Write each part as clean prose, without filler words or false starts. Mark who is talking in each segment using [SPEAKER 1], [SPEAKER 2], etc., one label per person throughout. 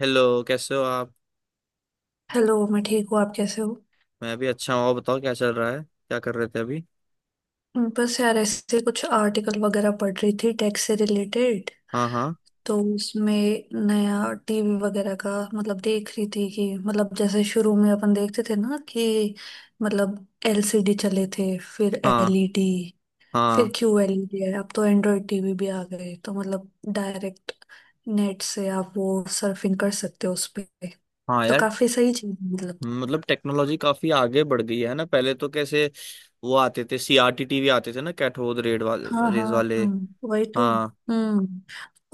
[SPEAKER 1] Hello, कैसे हो आप?
[SPEAKER 2] हेलो मैं ठीक हूँ। आप कैसे हो?
[SPEAKER 1] मैं भी अच्छा हूँ। और बताओ, क्या चल रहा है? क्या कर रहे थे अभी?
[SPEAKER 2] बस यार ऐसे कुछ आर्टिकल वगैरह पढ़ रही थी टैक्स से रिलेटेड।
[SPEAKER 1] हाँ हाँ,
[SPEAKER 2] तो उसमें नया टीवी वगैरह का मतलब देख रही थी कि मतलब जैसे शुरू में अपन देखते थे ना कि मतलब एलसीडी चले थे, फिर
[SPEAKER 1] हाँ।
[SPEAKER 2] एलईडी, फिर
[SPEAKER 1] हाँ,
[SPEAKER 2] क्यू एलईडी है। अब तो एंड्रॉयड टीवी भी आ गए, तो मतलब डायरेक्ट नेट से आप वो सर्फिंग कर सकते हो उस पे।
[SPEAKER 1] हाँ,
[SPEAKER 2] तो
[SPEAKER 1] यार।
[SPEAKER 2] काफी सही चीज है, मतलब।
[SPEAKER 1] मतलब टेक्नोलॉजी काफी आगे बढ़ गई है ना। पहले तो कैसे वो आते थे, सीआरटी टीवी आते थे ना, कैथोड रेड वाले
[SPEAKER 2] हाँ हाँ।
[SPEAKER 1] रेज वाले।
[SPEAKER 2] हाँ, वही तो।
[SPEAKER 1] हाँ
[SPEAKER 2] हम्म।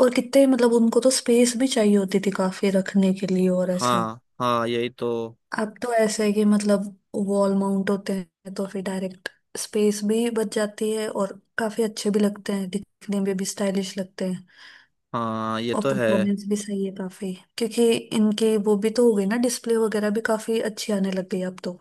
[SPEAKER 2] और कितने मतलब उनको तो स्पेस भी चाहिए होती थी काफी रखने के लिए और ऐसा।
[SPEAKER 1] हाँ। हाँ, यही तो।
[SPEAKER 2] अब तो ऐसा है कि मतलब वॉल माउंट होते हैं, तो फिर डायरेक्ट स्पेस भी बच जाती है, और काफी अच्छे भी लगते हैं, दिखने में भी स्टाइलिश लगते हैं।
[SPEAKER 1] हाँ, ये
[SPEAKER 2] और
[SPEAKER 1] तो है।
[SPEAKER 2] परफॉर्मेंस भी सही है काफी, क्योंकि इनकी वो भी तो हो गई ना, डिस्प्ले वगैरह भी काफी अच्छी आने लग गई अब तो।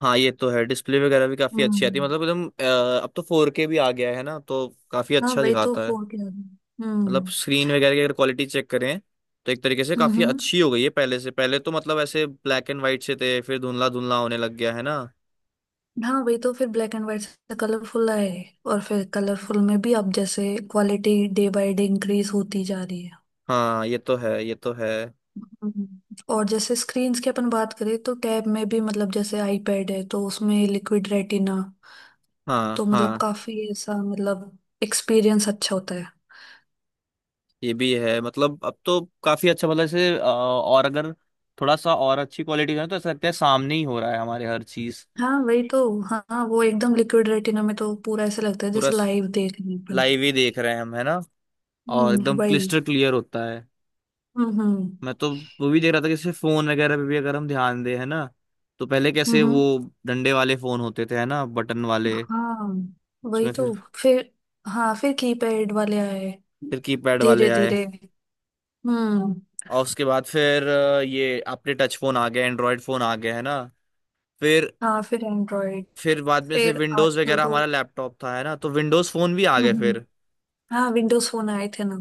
[SPEAKER 1] हाँ, ये तो है। डिस्प्ले वगैरह भी काफी अच्छी आती है,
[SPEAKER 2] हम्म।
[SPEAKER 1] मतलब एकदम अब तो 4K भी आ गया है ना, तो काफी
[SPEAKER 2] हाँ
[SPEAKER 1] अच्छा
[SPEAKER 2] वही तो,
[SPEAKER 1] दिखाता है।
[SPEAKER 2] फोर के आ गए।
[SPEAKER 1] मतलब
[SPEAKER 2] हम्म।
[SPEAKER 1] स्क्रीन वगैरह की अगर क्वालिटी चेक करें, तो एक तरीके से
[SPEAKER 2] हम्म।
[SPEAKER 1] काफी
[SPEAKER 2] हम्म।
[SPEAKER 1] अच्छी हो गई है पहले से। पहले तो मतलब ऐसे ब्लैक एंड वाइट से थे, फिर धुंधला धुंधला होने लग गया है ना।
[SPEAKER 2] हाँ वही तो, फिर ब्लैक एंड व्हाइट से कलरफुल आए, और फिर कलरफुल में भी अब जैसे quality day by day increase होती जा रही है।
[SPEAKER 1] हाँ, ये तो है, ये तो है।
[SPEAKER 2] हम्म। और जैसे स्क्रीन्स की अपन बात करें, तो टैब में भी मतलब जैसे आईपैड है, तो उसमें लिक्विड रेटिना।
[SPEAKER 1] हाँ,
[SPEAKER 2] तो मतलब
[SPEAKER 1] हाँ।
[SPEAKER 2] काफी ऐसा मतलब एक्सपीरियंस अच्छा होता है।
[SPEAKER 1] ये भी है, मतलब अब तो काफी अच्छा। मतलब ऐसे और अगर थोड़ा सा और अच्छी क्वालिटी का है, तो ऐसा लगता है सामने ही हो रहा है हमारे, हर चीज।
[SPEAKER 2] हाँ वही तो। हाँ वो एकदम लिक्विड रेटिना में तो पूरा ऐसा लगता है
[SPEAKER 1] पूरा
[SPEAKER 2] जैसे लाइव देख रहे हैं अपन।
[SPEAKER 1] लाइव ही देख रहे हैं हम, है ना। और एकदम
[SPEAKER 2] वही।
[SPEAKER 1] क्लिस्टर क्लियर होता है।
[SPEAKER 2] हम्म। हम्म।
[SPEAKER 1] मैं तो वो भी देख रहा था कि जैसे फोन वगैरह पे भी अगर हम ध्यान दें, है ना, तो पहले कैसे वो
[SPEAKER 2] हम्म।
[SPEAKER 1] डंडे वाले फोन होते थे, है ना, बटन वाले।
[SPEAKER 2] हाँ वही
[SPEAKER 1] उसमें फिर
[SPEAKER 2] तो, फिर हाँ फिर कीपैड वाले आए,
[SPEAKER 1] कीपैड वाले
[SPEAKER 2] धीरे
[SPEAKER 1] आए।
[SPEAKER 2] धीरे। हम्म।
[SPEAKER 1] और उसके बाद फिर ये अपने टच फोन आ गए, एंड्रॉयड फोन आ गए, है ना। फिर
[SPEAKER 2] हाँ फिर एंड्रॉइड,
[SPEAKER 1] बाद में से
[SPEAKER 2] फिर
[SPEAKER 1] विंडोज
[SPEAKER 2] आजकल
[SPEAKER 1] वगैरह
[SPEAKER 2] तो।
[SPEAKER 1] हमारा लैपटॉप था, है ना, तो विंडोज फोन भी आ
[SPEAKER 2] हम्म
[SPEAKER 1] गए
[SPEAKER 2] हम्म,
[SPEAKER 1] फिर।
[SPEAKER 2] हाँ विंडोज फोन आए थे ना।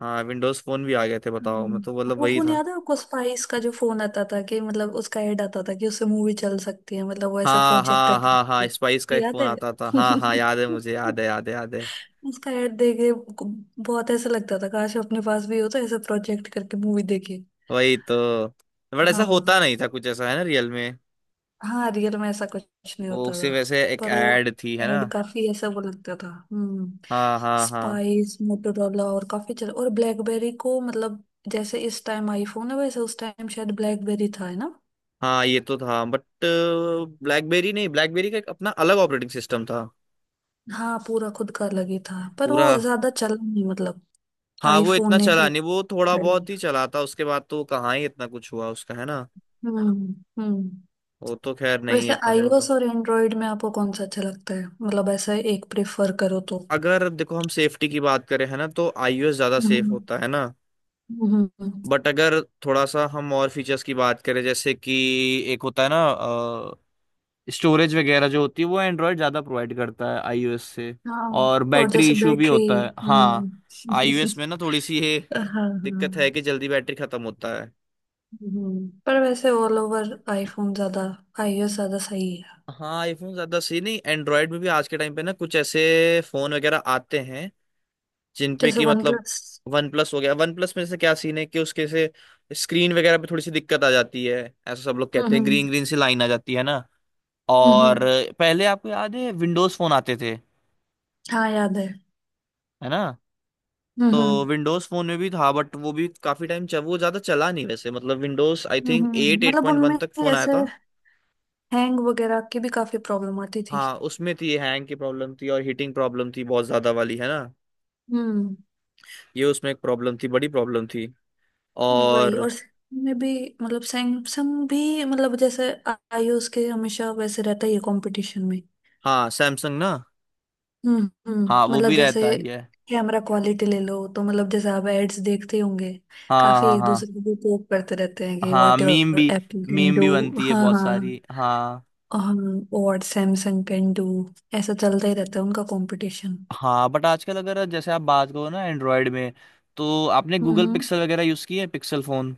[SPEAKER 1] हाँ, विंडोज फोन भी आ गए थे, बताओ। मैं तो
[SPEAKER 2] हम्म।
[SPEAKER 1] मतलब
[SPEAKER 2] वो
[SPEAKER 1] वही
[SPEAKER 2] फोन
[SPEAKER 1] था।
[SPEAKER 2] याद है आपको, स्पाइस का जो फोन आता था? कि मतलब उसका ऐड आता था कि उससे मूवी चल सकती है, मतलब वो ऐसा
[SPEAKER 1] हाँ, हाँ,
[SPEAKER 2] प्रोजेक्टर।
[SPEAKER 1] हाँ, हाँ, स्पाइस का एक
[SPEAKER 2] याद
[SPEAKER 1] फोन
[SPEAKER 2] है।
[SPEAKER 1] आता था। हाँ, हाँ, याद है। मुझे याद है, याद है, याद है।
[SPEAKER 2] उसका ऐड देख के बहुत ऐसा लगता था, काश अपने पास भी हो तो ऐसा प्रोजेक्ट करके मूवी देखे।
[SPEAKER 1] वही तो। बट ऐसा
[SPEAKER 2] हाँ,
[SPEAKER 1] होता नहीं था कुछ ऐसा, है ना, रियल में।
[SPEAKER 2] हाँ रियल में ऐसा कुछ नहीं
[SPEAKER 1] वो
[SPEAKER 2] होता था।
[SPEAKER 1] सिर्फ ऐसे एक
[SPEAKER 2] पर वो
[SPEAKER 1] एड थी, है ना।
[SPEAKER 2] एड काफी ऐसा वो लगता था। हम्म।
[SPEAKER 1] हाँ, हाँ, हाँ,
[SPEAKER 2] स्पाइस मोटोरोला और काफी चल और ब्लैकबेरी को मतलब, जैसे इस टाइम आईफोन है, वैसे उस टाइम शायद ब्लैकबेरी था है ना।
[SPEAKER 1] हाँ, ये तो था। बट ब्लैकबेरी नहीं, ब्लैकबेरी का एक अपना अलग ऑपरेटिंग सिस्टम था।
[SPEAKER 2] हाँ पूरा खुद का अलग ही था, पर वो
[SPEAKER 1] पूरा।
[SPEAKER 2] ज्यादा चला नहीं मतलब।
[SPEAKER 1] हाँ, वो
[SPEAKER 2] आईफोन
[SPEAKER 1] इतना
[SPEAKER 2] ने
[SPEAKER 1] चला
[SPEAKER 2] फिर
[SPEAKER 1] नहीं, वो थोड़ा
[SPEAKER 2] कर
[SPEAKER 1] बहुत ही
[SPEAKER 2] लिया।
[SPEAKER 1] चला था। उसके बाद तो कहाँ ही इतना कुछ हुआ उसका, है ना।
[SPEAKER 2] हम्म। हम्म।
[SPEAKER 1] वो तो खैर नहीं
[SPEAKER 2] वैसे
[SPEAKER 1] इतना चला था।
[SPEAKER 2] आईओएस और एंड्रॉइड में आपको कौन सा अच्छा लगता है? मतलब ऐसा एक प्रेफर करो तो।
[SPEAKER 1] अगर देखो हम सेफ्टी की बात करें, है ना, तो आईओएस ज्यादा सेफ
[SPEAKER 2] हम्म।
[SPEAKER 1] होता है ना।
[SPEAKER 2] हम्म। हम्म।
[SPEAKER 1] बट अगर थोड़ा सा हम और फीचर्स की बात करें, जैसे कि एक होता है ना, स्टोरेज वगैरह जो होती है, वो एंड्रॉयड ज़्यादा प्रोवाइड करता है आईओएस से।
[SPEAKER 2] हाँ
[SPEAKER 1] और
[SPEAKER 2] और
[SPEAKER 1] बैटरी
[SPEAKER 2] जैसे
[SPEAKER 1] इशू भी
[SPEAKER 2] बैटरी।
[SPEAKER 1] होता है, हाँ।
[SPEAKER 2] हम्म।
[SPEAKER 1] आईओएस में ना थोड़ी सी ये
[SPEAKER 2] हाँ
[SPEAKER 1] दिक्कत है
[SPEAKER 2] हाँ।
[SPEAKER 1] कि जल्दी बैटरी खत्म होता है।
[SPEAKER 2] हम्म, पर वैसे ऑल ओवर आईफोन ज्यादा, आईओएस ज्यादा सही है।
[SPEAKER 1] हाँ, आईफोन ज़्यादा सही नहीं, एंड्रॉयड में भी आज के टाइम पे ना कुछ ऐसे फ़ोन वगैरह आते हैं जिन पे
[SPEAKER 2] जैसे
[SPEAKER 1] कि
[SPEAKER 2] वन
[SPEAKER 1] मतलब
[SPEAKER 2] प्लस।
[SPEAKER 1] वन प्लस हो गया। वन प्लस में से क्या सीन है कि उसके से स्क्रीन वगैरह पे थोड़ी सी दिक्कत आ जाती है, ऐसा सब लोग कहते हैं।
[SPEAKER 2] हम्म।
[SPEAKER 1] ग्रीन ग्रीन सी लाइन आ जाती है ना।
[SPEAKER 2] हम्म।
[SPEAKER 1] और पहले आपको याद है विंडोज़ फ़ोन आते थे,
[SPEAKER 2] हाँ याद है।
[SPEAKER 1] है ना,
[SPEAKER 2] हम्म।
[SPEAKER 1] तो
[SPEAKER 2] हम्म।
[SPEAKER 1] विंडोज फोन में भी था। बट वो भी काफी टाइम चल, वो ज्यादा चला नहीं वैसे। मतलब Windows I think eight eight
[SPEAKER 2] मतलब
[SPEAKER 1] पॉइंट वन
[SPEAKER 2] उनमें
[SPEAKER 1] तक फोन आया
[SPEAKER 2] ऐसे
[SPEAKER 1] था।
[SPEAKER 2] हैंग वगैरह की भी काफी प्रॉब्लम आती थी।
[SPEAKER 1] हाँ, उसमें थी, हैंग की प्रॉब्लम थी, और हीटिंग प्रॉब्लम थी बहुत ज्यादा वाली, है ना।
[SPEAKER 2] हम्म।
[SPEAKER 1] ये उसमें एक प्रॉब्लम थी, बड़ी प्रॉब्लम थी।
[SPEAKER 2] वही।
[SPEAKER 1] और
[SPEAKER 2] और Samsung में भी, मतलब सैमसंग भी मतलब जैसे आईओएस के हमेशा वैसे रहता ही है कंपटीशन में।
[SPEAKER 1] हाँ, सैमसंग ना। हाँ,
[SPEAKER 2] हम्म।
[SPEAKER 1] वो
[SPEAKER 2] मतलब
[SPEAKER 1] भी
[SPEAKER 2] जैसे
[SPEAKER 1] रहता ही है।
[SPEAKER 2] कैमरा क्वालिटी ले लो, तो मतलब जैसे आप एड्स देखते होंगे,
[SPEAKER 1] हाँ,
[SPEAKER 2] काफी
[SPEAKER 1] हाँ,
[SPEAKER 2] एक
[SPEAKER 1] हाँ,
[SPEAKER 2] दूसरे को पोक करते रहते हैं कि
[SPEAKER 1] हाँ,
[SPEAKER 2] व्हाट
[SPEAKER 1] मीम भी,
[SPEAKER 2] ever Apple can
[SPEAKER 1] meme
[SPEAKER 2] do.
[SPEAKER 1] भी बनती है
[SPEAKER 2] हाँ
[SPEAKER 1] बहुत
[SPEAKER 2] हाँ।
[SPEAKER 1] सारी, हाँ,
[SPEAKER 2] और सैमसंग कैन डू। ऐसा चलता ही रहता है उनका कंपटीशन।
[SPEAKER 1] हाँ। बट आजकल अगर जैसे आप बात करो ना, एंड्रॉयड में, तो आपने
[SPEAKER 2] हम्म
[SPEAKER 1] गूगल
[SPEAKER 2] हम्म।
[SPEAKER 1] पिक्सल वगैरह यूज की है, पिक्सल फोन?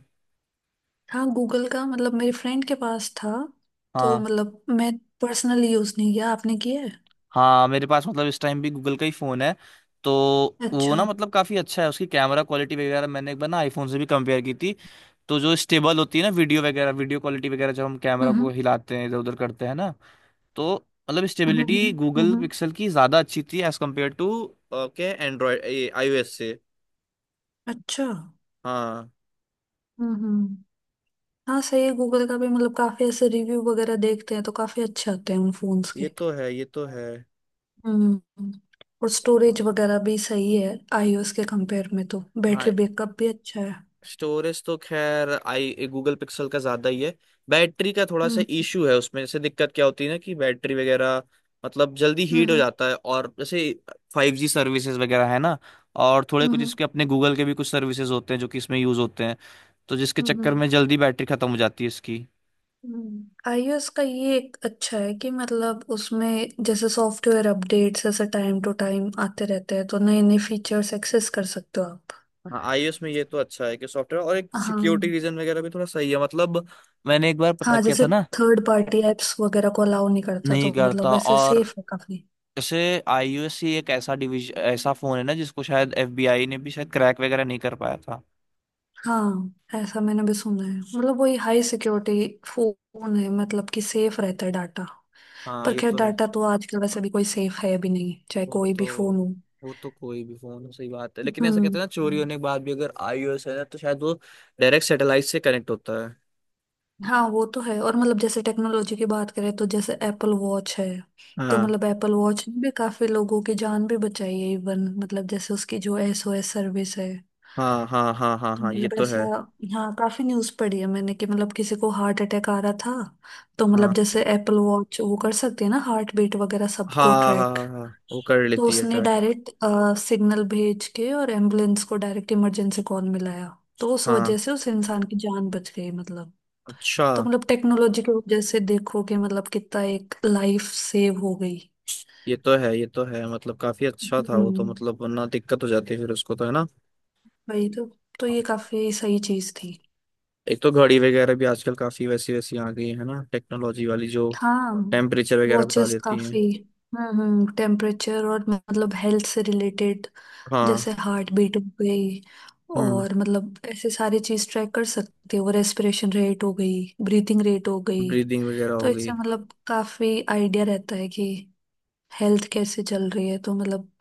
[SPEAKER 2] हाँ गूगल का मतलब मेरे फ्रेंड के पास था। तो
[SPEAKER 1] हाँ,
[SPEAKER 2] मतलब मैं पर्सनली यूज नहीं किया, आपने किया है?
[SPEAKER 1] हाँ, मेरे पास मतलब इस टाइम भी गूगल का ही फ़ोन है तो। वो
[SPEAKER 2] अच्छा।
[SPEAKER 1] ना मतलब काफ़ी अच्छा है। उसकी कैमरा क्वालिटी वगैरह मैंने एक बार ना आईफोन से भी कंपेयर की थी, तो जो स्टेबल होती है ना वीडियो वगैरह, वीडियो क्वालिटी वगैरह जब हम कैमरा को
[SPEAKER 2] हम्म।
[SPEAKER 1] हिलाते हैं इधर उधर करते हैं ना, तो मतलब
[SPEAKER 2] हम्म। हम्म।
[SPEAKER 1] स्टेबिलिटी गूगल
[SPEAKER 2] हम्म।
[SPEAKER 1] पिक्सल की ज़्यादा अच्छी थी, एज़ कम्पेयर टू क्या, एंड्रॉयड आईओएस से।
[SPEAKER 2] अच्छा।
[SPEAKER 1] हाँ,
[SPEAKER 2] हम्म। हम्म। हाँ सही है, गूगल का भी मतलब काफी ऐसे रिव्यू वगैरह देखते हैं, तो काफी अच्छे आते हैं उन फोन्स के।
[SPEAKER 1] ये तो है, ये तो है।
[SPEAKER 2] हम्म। और स्टोरेज वगैरह भी सही है आईओएस के कंपेयर में, तो
[SPEAKER 1] हाँ,
[SPEAKER 2] बैटरी बैकअप भी अच्छा है।
[SPEAKER 1] स्टोरेज तो खैर आई गूगल पिक्सल का ज्यादा ही है। बैटरी का थोड़ा सा
[SPEAKER 2] हम्म।
[SPEAKER 1] इशू है उसमें। जैसे दिक्कत क्या होती है ना कि बैटरी वगैरह मतलब जल्दी हीट हो
[SPEAKER 2] हम्म।
[SPEAKER 1] जाता है, और जैसे 5G सर्विसेज वगैरह है ना, और थोड़े कुछ
[SPEAKER 2] हम्म।
[SPEAKER 1] इसके अपने गूगल के भी कुछ सर्विसेज होते हैं जो कि इसमें यूज होते हैं, तो जिसके चक्कर
[SPEAKER 2] हम्म।
[SPEAKER 1] में जल्दी बैटरी खत्म हो जाती है इसकी।
[SPEAKER 2] हम्म। आईओएस का ये एक अच्छा है कि मतलब उसमें जैसे सॉफ्टवेयर अपडेट्स ऐसे टाइम टू टाइम आते रहते हैं, तो नए नए फीचर्स एक्सेस कर सकते हो आप।
[SPEAKER 1] हाँ, आईओएस में ये तो अच्छा है कि सॉफ्टवेयर और एक सिक्योरिटी
[SPEAKER 2] हाँ।
[SPEAKER 1] रीजन वगैरह भी थोड़ा सही है, मतलब मैंने एक बार पता
[SPEAKER 2] हाँ
[SPEAKER 1] किया
[SPEAKER 2] जैसे
[SPEAKER 1] था ना।
[SPEAKER 2] थर्ड पार्टी एप्स वगैरह को अलाउ नहीं करता,
[SPEAKER 1] नहीं
[SPEAKER 2] तो
[SPEAKER 1] करता।
[SPEAKER 2] मतलब वैसे
[SPEAKER 1] और
[SPEAKER 2] सेफ है काफी।
[SPEAKER 1] जैसे आईयूसी एक ऐसा डिवीजन, ऐसा फोन है ना, जिसको शायद एफबीआई ने भी शायद क्रैक वगैरह नहीं कर पाया था।
[SPEAKER 2] हाँ ऐसा मैंने भी सुना है, मतलब वही हाई सिक्योरिटी फोन है, मतलब कि सेफ रहता है डाटा।
[SPEAKER 1] हाँ,
[SPEAKER 2] पर
[SPEAKER 1] ये
[SPEAKER 2] खैर
[SPEAKER 1] तो है।
[SPEAKER 2] डाटा तो आजकल वैसे भी कोई सेफ है भी नहीं, चाहे
[SPEAKER 1] वो
[SPEAKER 2] कोई भी फोन
[SPEAKER 1] तो
[SPEAKER 2] हो।
[SPEAKER 1] वो तो कोई भी फोन सही बात है, लेकिन ऐसा कहते
[SPEAKER 2] हम्म।
[SPEAKER 1] हैं ना चोरी होने के बाद भी अगर आईओएस है ना, तो शायद वो डायरेक्ट सैटेलाइट से कनेक्ट होता है।
[SPEAKER 2] हाँ वो तो है। और मतलब जैसे टेक्नोलॉजी की बात करें, तो जैसे एप्पल वॉच है, तो
[SPEAKER 1] हाँ,
[SPEAKER 2] मतलब एप्पल वॉच ने भी काफी लोगों की जान भी बचाई है इवन, मतलब जैसे उसकी जो एसओएस सर्विस है।
[SPEAKER 1] हाँ, हाँ, हाँ, हाँ,
[SPEAKER 2] तो
[SPEAKER 1] हाँ ये
[SPEAKER 2] मतलब
[SPEAKER 1] तो
[SPEAKER 2] ऐसा,
[SPEAKER 1] है।
[SPEAKER 2] हाँ काफी न्यूज पढ़ी है मैंने कि मतलब किसी को हार्ट अटैक आ रहा था, तो मतलब
[SPEAKER 1] हाँ,
[SPEAKER 2] जैसे एप्पल वॉच वो कर सकती है ना हार्ट बीट वगैरह
[SPEAKER 1] हाँ,
[SPEAKER 2] सबको
[SPEAKER 1] हाँ, हाँ,
[SPEAKER 2] ट्रैक।
[SPEAKER 1] हाँ, हाँ, वो कर
[SPEAKER 2] तो
[SPEAKER 1] लेती है
[SPEAKER 2] उसने
[SPEAKER 1] ट्रैक।
[SPEAKER 2] डायरेक्ट सिग्नल भेज के, और एम्बुलेंस को डायरेक्ट इमरजेंसी कॉल मिलाया। तो उस वजह
[SPEAKER 1] हाँ।
[SPEAKER 2] से उस इंसान की जान बच गई मतलब।
[SPEAKER 1] अच्छा।
[SPEAKER 2] तो मतलब टेक्नोलॉजी की वजह से देखो कि मतलब कितना एक लाइफ सेव हो गई।
[SPEAKER 1] ये तो है, ये तो है, मतलब काफी अच्छा था वो तो,
[SPEAKER 2] हम्म
[SPEAKER 1] मतलब वरना दिक्कत हो जाती है फिर उसको तो, है ना।
[SPEAKER 2] वही तो। तो ये काफी सही चीज थी।
[SPEAKER 1] एक तो घड़ी वगैरह भी आजकल काफी वैसी वैसी आ गई है ना, टेक्नोलॉजी वाली, जो
[SPEAKER 2] हाँ
[SPEAKER 1] टेम्परेचर वगैरह बता
[SPEAKER 2] वॉचेस
[SPEAKER 1] देती हैं।
[SPEAKER 2] काफी। हम्म। टेम्परेचर और मतलब हेल्थ से रिलेटेड,
[SPEAKER 1] हाँ।
[SPEAKER 2] जैसे हार्ट बीट हो गई।
[SPEAKER 1] हम्म।
[SPEAKER 2] और मतलब ऐसे सारी चीज ट्रैक कर सकते हो, रेस्पिरेशन रेट हो गई, ब्रीथिंग रेट हो गई।
[SPEAKER 1] ब्रीदिंग वगैरह
[SPEAKER 2] तो
[SPEAKER 1] हो गई।
[SPEAKER 2] इससे मतलब काफी आइडिया रहता है कि हेल्थ कैसे चल रही है, तो मतलब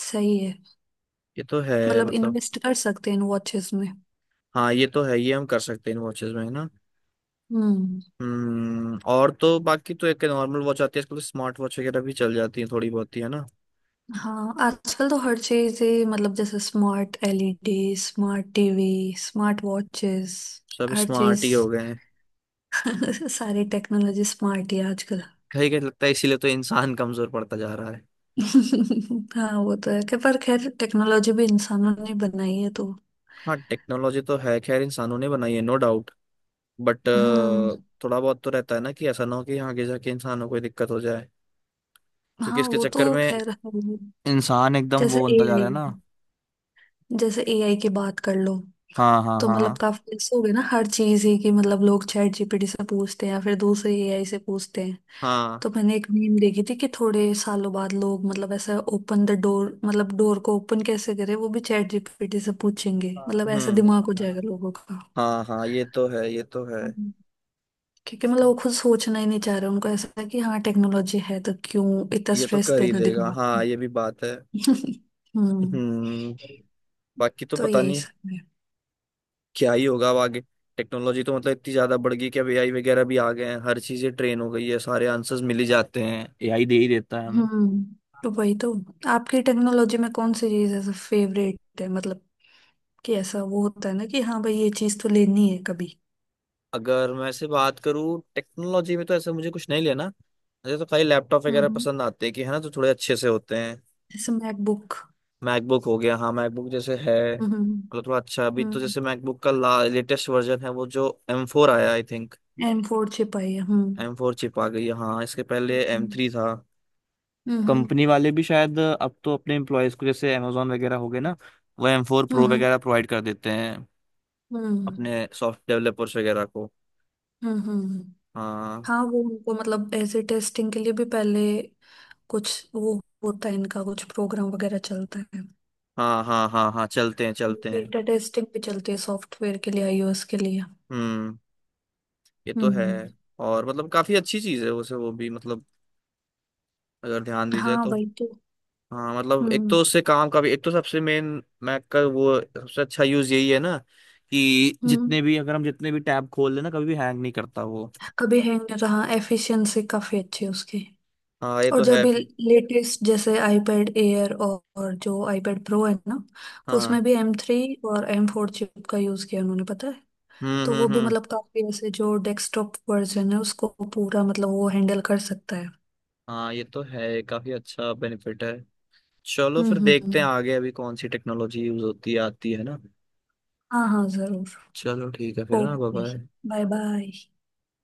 [SPEAKER 2] सही है।
[SPEAKER 1] ये तो है,
[SPEAKER 2] मतलब
[SPEAKER 1] मतलब।
[SPEAKER 2] इन्वेस्ट कर सकते हैं इन वॉचेस में।
[SPEAKER 1] हाँ, ये तो है, ये हम कर सकते हैं इन वॉचेस में, है ना।
[SPEAKER 2] हम्म।
[SPEAKER 1] हम्म। और तो बाकी तो एक नॉर्मल वॉच आती है आजकल, स्मार्ट वॉच वगैरह भी चल जाती है थोड़ी बहुत ही, है ना।
[SPEAKER 2] हाँ आजकल तो हर चीज ही मतलब जैसे smart LED, smart TV, smart watches,
[SPEAKER 1] सब
[SPEAKER 2] हर
[SPEAKER 1] स्मार्ट
[SPEAKER 2] चीज।
[SPEAKER 1] ही हो गए हैं।
[SPEAKER 2] सारी टेक्नोलॉजी स्मार्ट ही है आजकल।
[SPEAKER 1] कहीं कहीं लगता है, इसीलिए तो इंसान कमजोर पड़ता जा रहा है।
[SPEAKER 2] हाँ वो तो है, कि पर खैर टेक्नोलॉजी भी इंसानों ने बनाई है तो।
[SPEAKER 1] हाँ, टेक्नोलॉजी तो है खैर इंसानों ने बनाई है, नो डाउट। बट
[SPEAKER 2] हम्म।
[SPEAKER 1] थोड़ा बहुत तो रहता है ना कि ऐसा ना हो कि आगे जाके इंसानों को कोई दिक्कत हो जाए, क्योंकि
[SPEAKER 2] हाँ
[SPEAKER 1] इसके
[SPEAKER 2] वो
[SPEAKER 1] चक्कर
[SPEAKER 2] तो
[SPEAKER 1] में
[SPEAKER 2] खैर है ही।
[SPEAKER 1] इंसान एकदम
[SPEAKER 2] जैसे
[SPEAKER 1] वो बनता जा
[SPEAKER 2] एआई,
[SPEAKER 1] रहा है ना।
[SPEAKER 2] जैसे एआई की बात कर लो,
[SPEAKER 1] हाँ, हाँ,
[SPEAKER 2] तो मतलब
[SPEAKER 1] हाँ,
[SPEAKER 2] काफी ऐसे हो गए ना हर चीज ही, कि मतलब लोग चैट जीपीटी से पूछते हैं या फिर दूसरे एआई से पूछते हैं।
[SPEAKER 1] हाँ।
[SPEAKER 2] तो मैंने एक मीम देखी थी कि थोड़े सालों बाद लोग मतलब ऐसा ओपन द डोर, मतलब डोर को ओपन कैसे करें वो भी चैट जीपीटी से पूछेंगे, मतलब ऐसा
[SPEAKER 1] हम्म।
[SPEAKER 2] दिमाग हो जाएगा लोगों का।
[SPEAKER 1] हाँ, हाँ, ये तो है, ये तो है।
[SPEAKER 2] हम्म। क्योंकि मतलब वो खुद सोचना ही नहीं चाह रहे, उनको ऐसा है कि हाँ टेक्नोलॉजी है तो क्यों इतना
[SPEAKER 1] ये तो
[SPEAKER 2] स्ट्रेस
[SPEAKER 1] कर ही
[SPEAKER 2] देना
[SPEAKER 1] देगा,
[SPEAKER 2] दिमाग को।
[SPEAKER 1] हाँ, ये भी बात है।
[SPEAKER 2] हम्म।
[SPEAKER 1] हम्म। बाकी तो
[SPEAKER 2] तो
[SPEAKER 1] पता
[SPEAKER 2] यही
[SPEAKER 1] नहीं
[SPEAKER 2] सब है।
[SPEAKER 1] क्या ही होगा अब आगे। टेक्नोलॉजी तो मतलब इतनी ज्यादा बढ़ गई कि अब एआई वगैरह भी आ गए हैं, हर चीजें ट्रेन हो गई है, सारे आंसर्स मिल ही जाते हैं, एआई दे ही देता है हमें।
[SPEAKER 2] हम्म। तो वही तो, आपकी टेक्नोलॉजी में कौन सी चीज ऐसा फेवरेट है? मतलब कि ऐसा वो होता है ना कि हाँ भाई ये चीज तो लेनी है कभी।
[SPEAKER 1] अगर मैं से बात करूँ टेक्नोलॉजी में, तो ऐसा मुझे कुछ नहीं लेना। मुझे तो खाली लैपटॉप
[SPEAKER 2] हम्म।
[SPEAKER 1] वगैरह
[SPEAKER 2] हम्म।
[SPEAKER 1] पसंद आते हैं, कि है ना, तो थोड़े अच्छे से होते हैं।
[SPEAKER 2] जैसे मैकबुक।
[SPEAKER 1] मैकबुक हो गया, हाँ, मैकबुक जैसे है,
[SPEAKER 2] हम्म।
[SPEAKER 1] मतलब थोड़ा अच्छा। अभी तो
[SPEAKER 2] हम्म।
[SPEAKER 1] जैसे मैकबुक का ला लेटेस्ट वर्जन है, वो जो एम फोर आया, आई थिंक।
[SPEAKER 2] एम फोर छिपाई है। हम्म।
[SPEAKER 1] एम फोर चिप आ गई है, हाँ, इसके पहले एम
[SPEAKER 2] हम्म।
[SPEAKER 1] थ्री था।
[SPEAKER 2] हम्म। हम्म।
[SPEAKER 1] कंपनी वाले भी शायद अब तो अपने एम्प्लॉयज को, जैसे अमेजोन वगैरह हो गए ना, वो एम फोर प्रो
[SPEAKER 2] हम्म।
[SPEAKER 1] वगैरह प्रोवाइड कर देते हैं
[SPEAKER 2] हम्म। हम्म,
[SPEAKER 1] अपने सॉफ्ट डेवलपर्स वगैरह को।
[SPEAKER 2] हम्म। हम्म।
[SPEAKER 1] हाँ,
[SPEAKER 2] हाँ वो उनको मतलब ऐसे टेस्टिंग के लिए भी पहले कुछ वो होता है, इनका कुछ प्रोग्राम वगैरह चलता है।
[SPEAKER 1] हाँ, हाँ, हाँ, हाँ, चलते हैं, चलते हैं।
[SPEAKER 2] बीटा टेस्टिंग भी चलती है सॉफ्टवेयर के लिए, आईओएस के लिए।
[SPEAKER 1] हम्म, ये तो है।
[SPEAKER 2] हम्म।
[SPEAKER 1] और मतलब काफी अच्छी चीज है वैसे वो भी, मतलब अगर ध्यान दी जाए
[SPEAKER 2] हाँ
[SPEAKER 1] तो।
[SPEAKER 2] वही तो।
[SPEAKER 1] हाँ, मतलब एक
[SPEAKER 2] हम्म
[SPEAKER 1] तो उससे काम का भी, एक तो सबसे मेन मैक का वो सबसे अच्छा यूज यही है ना, कि
[SPEAKER 2] हम्म।
[SPEAKER 1] जितने भी, अगर हम जितने भी टैब खोल लेना, कभी भी हैंग नहीं करता वो।
[SPEAKER 2] कभी हैंग नहीं रहा, एफिशिएंसी काफी अच्छी है उसकी।
[SPEAKER 1] हाँ, ये
[SPEAKER 2] और
[SPEAKER 1] तो
[SPEAKER 2] जब
[SPEAKER 1] है। फिर
[SPEAKER 2] लेटेस्ट जैसे iPad एयर और जो iPad प्रो है ना, उसमें
[SPEAKER 1] हाँ,
[SPEAKER 2] भी एम थ्री और एम फोर चिप का यूज किया उन्होंने पता है।
[SPEAKER 1] हम्म,
[SPEAKER 2] तो वो
[SPEAKER 1] हम्म,
[SPEAKER 2] भी
[SPEAKER 1] हम्म।
[SPEAKER 2] मतलब काफी ऐसे जो डेस्कटॉप वर्जन है उसको पूरा मतलब वो हैंडल कर सकता है।
[SPEAKER 1] हाँ, ये तो है, काफी अच्छा बेनिफिट है। चलो, फिर
[SPEAKER 2] हम्म।
[SPEAKER 1] देखते हैं
[SPEAKER 2] हम्म।
[SPEAKER 1] आगे अभी कौन सी टेक्नोलॉजी यूज होती है, आती है ना।
[SPEAKER 2] हाँ हाँ जरूर।
[SPEAKER 1] चलो, ठीक है फिर ना, bye
[SPEAKER 2] okay,
[SPEAKER 1] bye.
[SPEAKER 2] Bye bye.